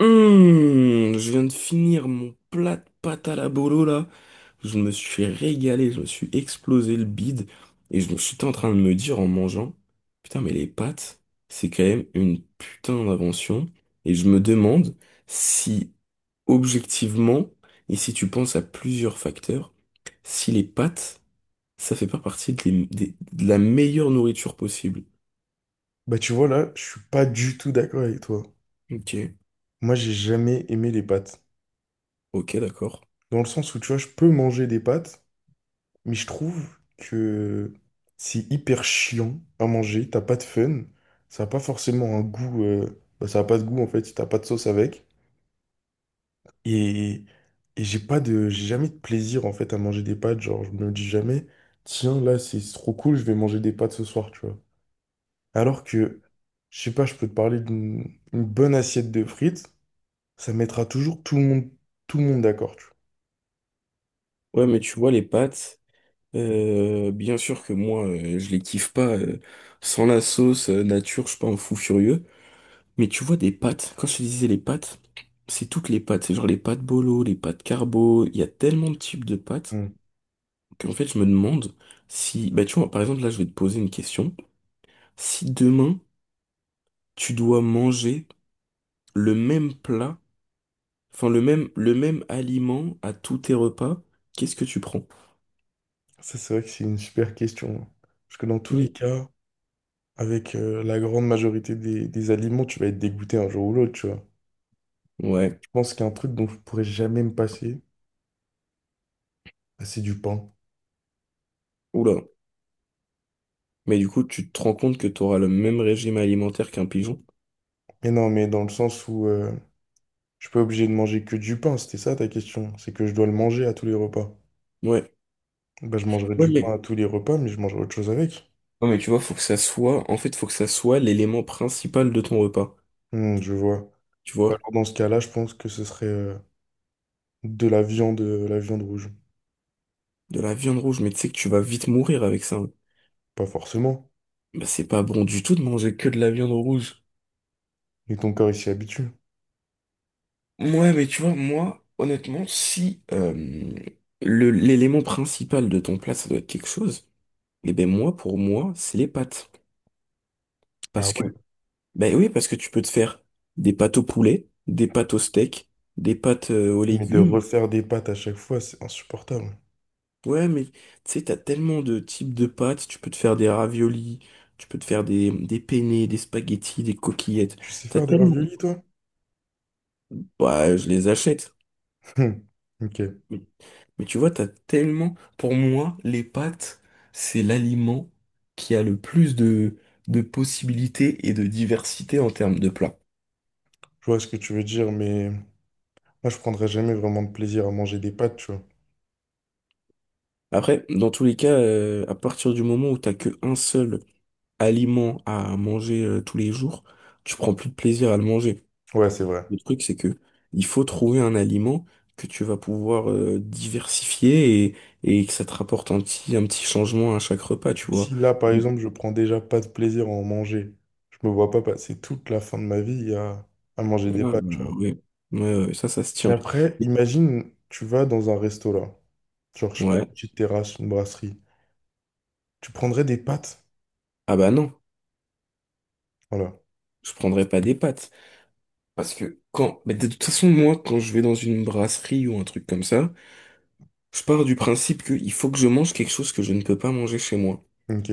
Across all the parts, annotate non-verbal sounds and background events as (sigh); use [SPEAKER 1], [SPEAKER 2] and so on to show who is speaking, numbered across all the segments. [SPEAKER 1] Je viens de finir mon plat de pâte à la bolo là. Je me suis régalé, je me suis explosé le bide. Et je me suis en train de me dire en mangeant, putain mais les pâtes, c'est quand même une putain d'invention. Et je me demande si objectivement, et si tu penses à plusieurs facteurs, si les pâtes, ça fait pas partie de, de la meilleure nourriture possible.
[SPEAKER 2] Bah tu vois là, je suis pas du tout d'accord avec toi.
[SPEAKER 1] Ok.
[SPEAKER 2] Moi j'ai jamais aimé les pâtes.
[SPEAKER 1] Ok, d'accord.
[SPEAKER 2] Dans le sens où tu vois, je peux manger des pâtes, mais je trouve que c'est hyper chiant à manger, t'as pas de fun, ça a pas forcément un goût, bah, ça a pas de goût en fait si t'as pas de sauce avec. Et, et j'ai pas de, j'ai jamais de plaisir en fait à manger des pâtes, genre je me dis jamais, tiens là c'est trop cool, je vais manger des pâtes ce soir, tu vois. Alors que, je sais pas, je peux te parler d'une une bonne assiette de frites. Ça mettra toujours tout le monde d'accord. Tu
[SPEAKER 1] Ouais, mais tu vois, les pâtes. Bien sûr que moi, je les kiffe pas sans la sauce nature, je suis pas un fou furieux. Mais tu vois des pâtes. Quand je te disais les pâtes, c'est toutes les pâtes. C'est genre les pâtes bolo, les pâtes carbo. Il y a tellement de types de pâtes
[SPEAKER 2] vois. Mm.
[SPEAKER 1] qu'en fait, je me demande si, bah tu vois, par exemple là, je vais te poser une question. Si demain tu dois manger le même plat, enfin le même aliment à tous tes repas, qu'est-ce que tu prends?
[SPEAKER 2] Ça, c'est vrai que c'est une super question, hein. Parce que dans tous les
[SPEAKER 1] Oui.
[SPEAKER 2] cas, avec la grande majorité des aliments, tu vas être dégoûté un jour ou l'autre, tu vois.
[SPEAKER 1] Ouais.
[SPEAKER 2] Je pense qu'il y a un truc dont je pourrais jamais me passer, bah, c'est du pain.
[SPEAKER 1] Oula. Mais du coup, tu te rends compte que tu auras le même régime alimentaire qu'un pigeon?
[SPEAKER 2] Mais non, mais dans le sens où je suis pas obligé de manger que du pain, c'était ça ta question. C'est que je dois le manger à tous les repas.
[SPEAKER 1] Ouais.
[SPEAKER 2] Bah, je mangerai
[SPEAKER 1] Ouais,
[SPEAKER 2] du pain
[SPEAKER 1] mais
[SPEAKER 2] à tous les repas, mais je mangerai autre chose avec.
[SPEAKER 1] ouais, mais tu vois, faut que ça soit En fait, faut que ça soit l'élément principal de ton repas.
[SPEAKER 2] Hmm, je vois.
[SPEAKER 1] Tu
[SPEAKER 2] Bah,
[SPEAKER 1] vois?
[SPEAKER 2] alors, dans ce cas-là, je pense que ce serait de la viande rouge.
[SPEAKER 1] De la viande rouge, mais tu sais que tu vas vite mourir avec ça, hein.
[SPEAKER 2] Pas forcément.
[SPEAKER 1] Bah, c'est pas bon du tout de manger que de la viande rouge.
[SPEAKER 2] Et ton corps, il s'y habitue.
[SPEAKER 1] Ouais, mais tu vois, moi, honnêtement, si le, l'élément principal de ton plat, ça doit être quelque chose, eh ben moi, pour moi, c'est les pâtes.
[SPEAKER 2] Ah
[SPEAKER 1] Parce que
[SPEAKER 2] ouais.
[SPEAKER 1] ben oui, parce que tu peux te faire des pâtes au poulet, des pâtes au steak, des pâtes aux
[SPEAKER 2] Mais de
[SPEAKER 1] légumes.
[SPEAKER 2] refaire des pâtes à chaque fois, c'est insupportable.
[SPEAKER 1] Ouais, mais tu sais, t'as tellement de types de pâtes. Tu peux te faire des raviolis, tu peux te faire des penne, des spaghettis, des coquillettes.
[SPEAKER 2] Tu sais
[SPEAKER 1] T'as
[SPEAKER 2] faire des
[SPEAKER 1] tellement
[SPEAKER 2] raviolis, toi?
[SPEAKER 1] bah je les achète.
[SPEAKER 2] (laughs) Hum, ok, je
[SPEAKER 1] Mais, mais tu vois, t'as tellement Pour moi, les pâtes, c'est l'aliment qui a le plus de possibilités et de diversité en termes de plats.
[SPEAKER 2] vois ce que tu veux dire, mais moi, je prendrais jamais vraiment de plaisir à manger des pâtes, tu vois.
[SPEAKER 1] Après, dans tous les cas, à partir du moment où t'as que un seul aliment à manger tous les jours, tu prends plus de plaisir à le manger.
[SPEAKER 2] Ouais, c'est vrai.
[SPEAKER 1] Le truc, c'est que il faut trouver un aliment que tu vas pouvoir diversifier et que ça te rapporte un petit changement à chaque repas, tu vois.
[SPEAKER 2] Si là, par
[SPEAKER 1] Mais-
[SPEAKER 2] exemple, je prends déjà pas de plaisir à en manger, je me vois pas passer toute la fin de ma vie à manger
[SPEAKER 1] ah,
[SPEAKER 2] des pâtes, tu vois.
[SPEAKER 1] ouais. Ouais, ouais, ouais, ça se tient.
[SPEAKER 2] Mais après, imagine, tu vas dans un resto là, genre, je sais pas,
[SPEAKER 1] Ouais.
[SPEAKER 2] une petite terrasse, une brasserie. Tu prendrais des pâtes?
[SPEAKER 1] Ah bah non,
[SPEAKER 2] Voilà.
[SPEAKER 1] je prendrais pas des pâtes. Parce que quand. Mais de toute façon, moi, quand je vais dans une brasserie ou un truc comme ça, je pars du principe qu'il faut que je mange quelque chose que je ne peux pas manger chez moi.
[SPEAKER 2] Ok,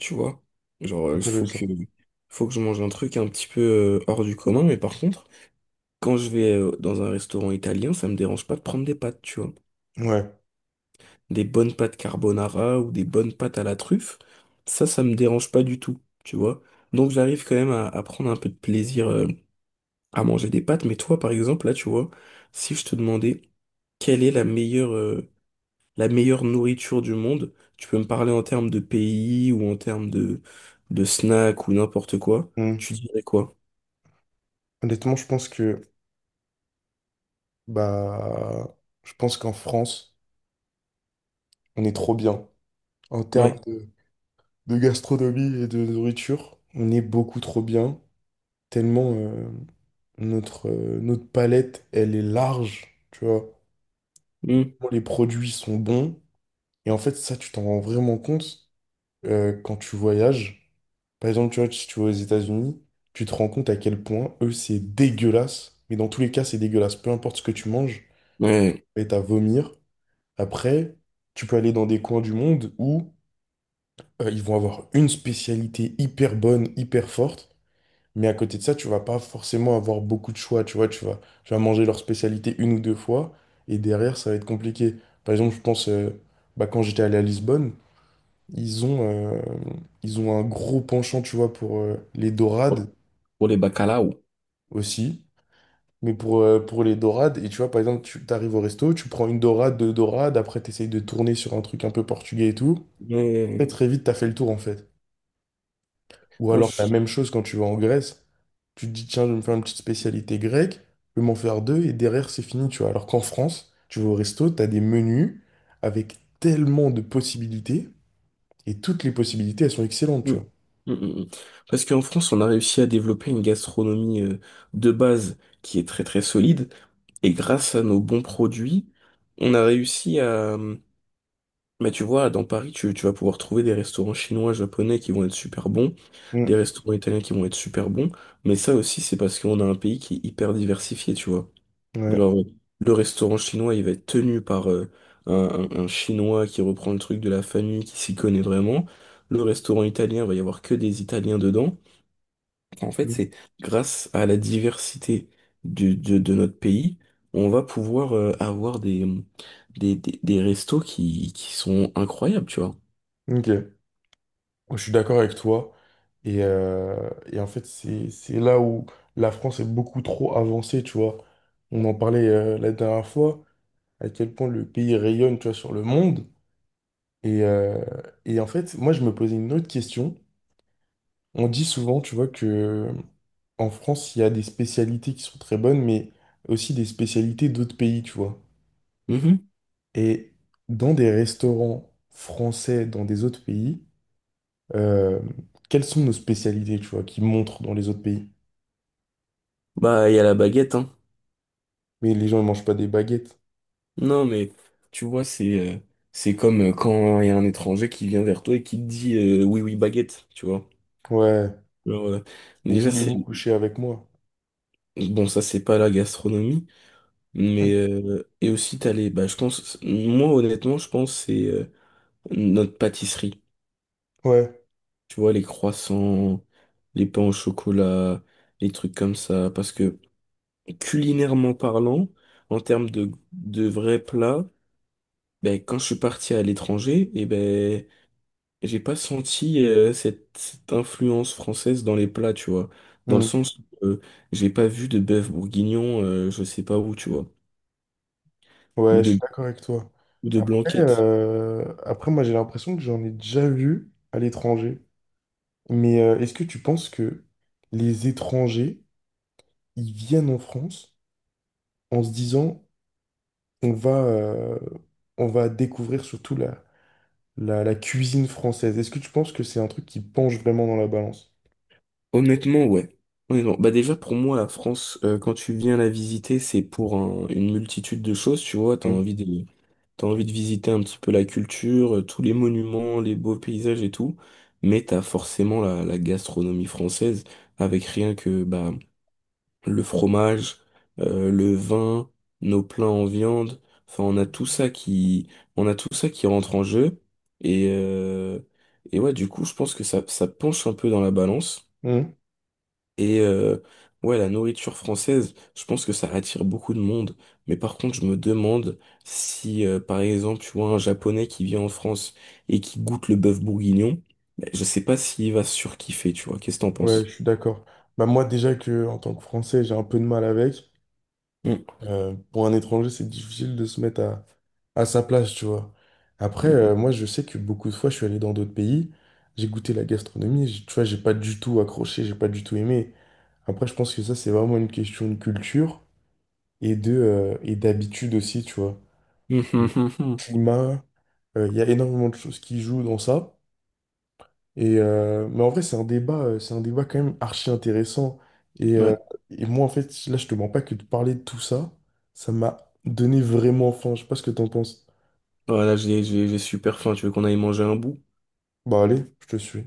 [SPEAKER 1] Tu vois? Genre, il
[SPEAKER 2] intéressant.
[SPEAKER 1] faut que je mange un truc un petit peu hors du commun, mais par contre, quand je vais dans un restaurant italien, ça me dérange pas de prendre des pâtes, tu vois.
[SPEAKER 2] Ouais.
[SPEAKER 1] Des bonnes pâtes carbonara ou des bonnes pâtes à la truffe, ça me dérange pas du tout, tu vois. Donc, j'arrive quand même à prendre un peu de plaisir à manger des pâtes, mais toi, par exemple, là, tu vois, si je te demandais quelle est la meilleure nourriture du monde. Tu peux me parler en termes de pays ou en termes de snacks ou n'importe quoi.
[SPEAKER 2] Mmh.
[SPEAKER 1] Tu dirais quoi?
[SPEAKER 2] Honnêtement, je pense que bah je pense qu'en France, on est trop bien. En termes
[SPEAKER 1] Ouais.
[SPEAKER 2] de gastronomie et de nourriture, on est beaucoup trop bien. Tellement notre, notre palette, elle est large, tu vois.
[SPEAKER 1] Hmm.
[SPEAKER 2] Bon, les produits sont bons. Et en fait, ça, tu t'en rends vraiment compte quand tu voyages. Par exemple, tu vois, si tu vas aux États-Unis, tu te rends compte à quel point, eux, c'est dégueulasse. Mais dans tous les cas, c'est dégueulasse. Peu importe ce que tu manges,
[SPEAKER 1] Ouais.
[SPEAKER 2] et t'as à vomir. Après, tu peux aller dans des coins du monde où ils vont avoir une spécialité hyper bonne, hyper forte, mais à côté de ça, tu vas pas forcément avoir beaucoup de choix, tu vois, tu vas manger leur spécialité une ou deux fois, et derrière, ça va être compliqué. Par exemple, je pense, bah, quand j'étais allé à Lisbonne, ils ont, euh, ils ont un gros penchant, tu vois, pour les dorades
[SPEAKER 1] Pour, pour les bacalao.
[SPEAKER 2] aussi. Mais pour les dorades, et tu vois, par exemple, tu arrives au resto, tu prends une dorade, deux dorades, après tu essayes de tourner sur un truc un peu portugais et tout.
[SPEAKER 1] Ouais.
[SPEAKER 2] Très très vite, t'as fait le tour en fait. Ou
[SPEAKER 1] Non,
[SPEAKER 2] alors la
[SPEAKER 1] je-
[SPEAKER 2] même chose quand tu vas en Grèce, tu te dis tiens, je vais me faire une petite spécialité grecque, je vais m'en faire deux et derrière c'est fini, tu vois. Alors qu'en France, tu vas au resto, t'as des menus avec tellement de possibilités et toutes les possibilités elles sont excellentes,
[SPEAKER 1] hmm.
[SPEAKER 2] tu vois.
[SPEAKER 1] Hmm, hmm, hmm. Parce qu'en France, on a réussi à développer une gastronomie de base qui est très très solide. Et grâce à nos bons produits, on a réussi à, mais tu vois, dans Paris, tu vas pouvoir trouver des restaurants chinois, japonais qui vont être super bons, des
[SPEAKER 2] Mm,
[SPEAKER 1] restaurants italiens qui vont être super bons, mais ça aussi, c'est parce qu'on a un pays qui est hyper diversifié, tu vois.
[SPEAKER 2] ouais.
[SPEAKER 1] Genre, le restaurant chinois, il va être tenu par un chinois qui reprend le truc de la famille, qui s'y connaît vraiment. Le restaurant italien, il va y avoir que des Italiens dedans. Enfin, en fait,
[SPEAKER 2] Mm,
[SPEAKER 1] c'est grâce à la diversité de notre pays, on va pouvoir avoir des, des restos qui sont incroyables, tu vois.
[SPEAKER 2] ok. Je suis d'accord avec toi. Et en fait, c'est là où la France est beaucoup trop avancée, tu vois. On en parlait la dernière fois, à quel point le pays rayonne, tu vois, sur le monde. Et, euh, et en fait, moi, je me posais une autre question. On dit souvent, tu vois, que en France, il y a des spécialités qui sont très bonnes, mais aussi des spécialités d'autres pays, tu vois.
[SPEAKER 1] Mhm.
[SPEAKER 2] Et dans des restaurants français, dans des autres pays, euh, quelles sont nos spécialités, tu vois, qui montrent dans les autres pays?
[SPEAKER 1] Bah, il y a la baguette, hein.
[SPEAKER 2] Mais les gens, ne mangent pas des baguettes.
[SPEAKER 1] Non, mais tu vois, c'est comme quand il y a un étranger qui vient vers toi et qui te dit oui, oui, baguette, tu vois.
[SPEAKER 2] Ouais.
[SPEAKER 1] Genre,
[SPEAKER 2] Ou
[SPEAKER 1] déjà, c'est.
[SPEAKER 2] voulez-vous coucher avec moi?
[SPEAKER 1] Bon, ça, c'est pas la gastronomie, mais
[SPEAKER 2] (laughs)
[SPEAKER 1] et aussi, t'as les. Bah, je pense. Moi, honnêtement, je pense que c'est notre pâtisserie.
[SPEAKER 2] Ouais.
[SPEAKER 1] Tu vois, les croissants, les pains au chocolat, les trucs comme ça. Parce que culinairement parlant, en termes de vrais plats, ben, quand je suis parti à l'étranger, et ben, j'ai pas senti cette influence française dans les plats, tu vois. Dans le
[SPEAKER 2] Hmm.
[SPEAKER 1] sens où j'ai pas vu de bœuf bourguignon, je sais pas où, tu vois. Ou
[SPEAKER 2] Ouais, je suis
[SPEAKER 1] de,
[SPEAKER 2] d'accord avec toi.
[SPEAKER 1] ou de
[SPEAKER 2] Après,
[SPEAKER 1] blanquette.
[SPEAKER 2] après moi, j'ai l'impression que j'en ai déjà vu à l'étranger. Mais est-ce que tu penses que les étrangers, ils viennent en France en se disant, on va, euh, on va découvrir surtout la, la, la cuisine française. Est-ce que tu penses que c'est un truc qui penche vraiment dans la balance?
[SPEAKER 1] Honnêtement, ouais. Honnêtement. Bah déjà, pour moi, la France, quand tu viens la visiter, c'est pour une multitude de choses, tu vois.
[SPEAKER 2] Mhm.
[SPEAKER 1] T'as envie de visiter un petit peu la culture, tous les monuments, les beaux paysages et tout. Mais t'as forcément la, la gastronomie française avec rien que, bah, le fromage, le vin, nos plats en viande. Enfin, on a tout ça qui, on a tout ça qui rentre en jeu. Et, euh, et ouais, du coup, je pense que ça penche un peu dans la balance.
[SPEAKER 2] Mhm.
[SPEAKER 1] Et ouais, la nourriture française, je pense que ça attire beaucoup de monde. Mais par contre, je me demande si, par exemple, tu vois un Japonais qui vient en France et qui goûte le bœuf bourguignon, ben, je sais pas s'il va surkiffer, tu vois. Qu'est-ce que t'en
[SPEAKER 2] Ouais, je
[SPEAKER 1] penses?
[SPEAKER 2] suis d'accord. Bah moi déjà que en tant que Français, j'ai un peu de mal avec.
[SPEAKER 1] Mm.
[SPEAKER 2] Pour un étranger, c'est difficile de se mettre à sa place, tu vois. Après, moi, je sais que beaucoup de fois, je suis allé dans d'autres pays, j'ai goûté la gastronomie, j'ai- tu vois, j'ai pas du tout accroché, j'ai pas du tout aimé. Après, je pense que ça, c'est vraiment une question de culture et de, et d'habitude aussi, tu vois. Le
[SPEAKER 1] Mm.
[SPEAKER 2] climat, il y a énormément de choses qui jouent dans ça. Et, mais en vrai, c'est un débat quand même archi intéressant. Et,
[SPEAKER 1] (laughs)
[SPEAKER 2] euh,
[SPEAKER 1] Ouais.
[SPEAKER 2] et moi, en fait, là, je te mens pas que de parler de tout ça, ça m'a donné vraiment faim. Je sais pas ce que t'en penses.
[SPEAKER 1] Voilà, j'ai super faim. Tu veux qu'on aille manger un bout?
[SPEAKER 2] Bah allez, je te suis.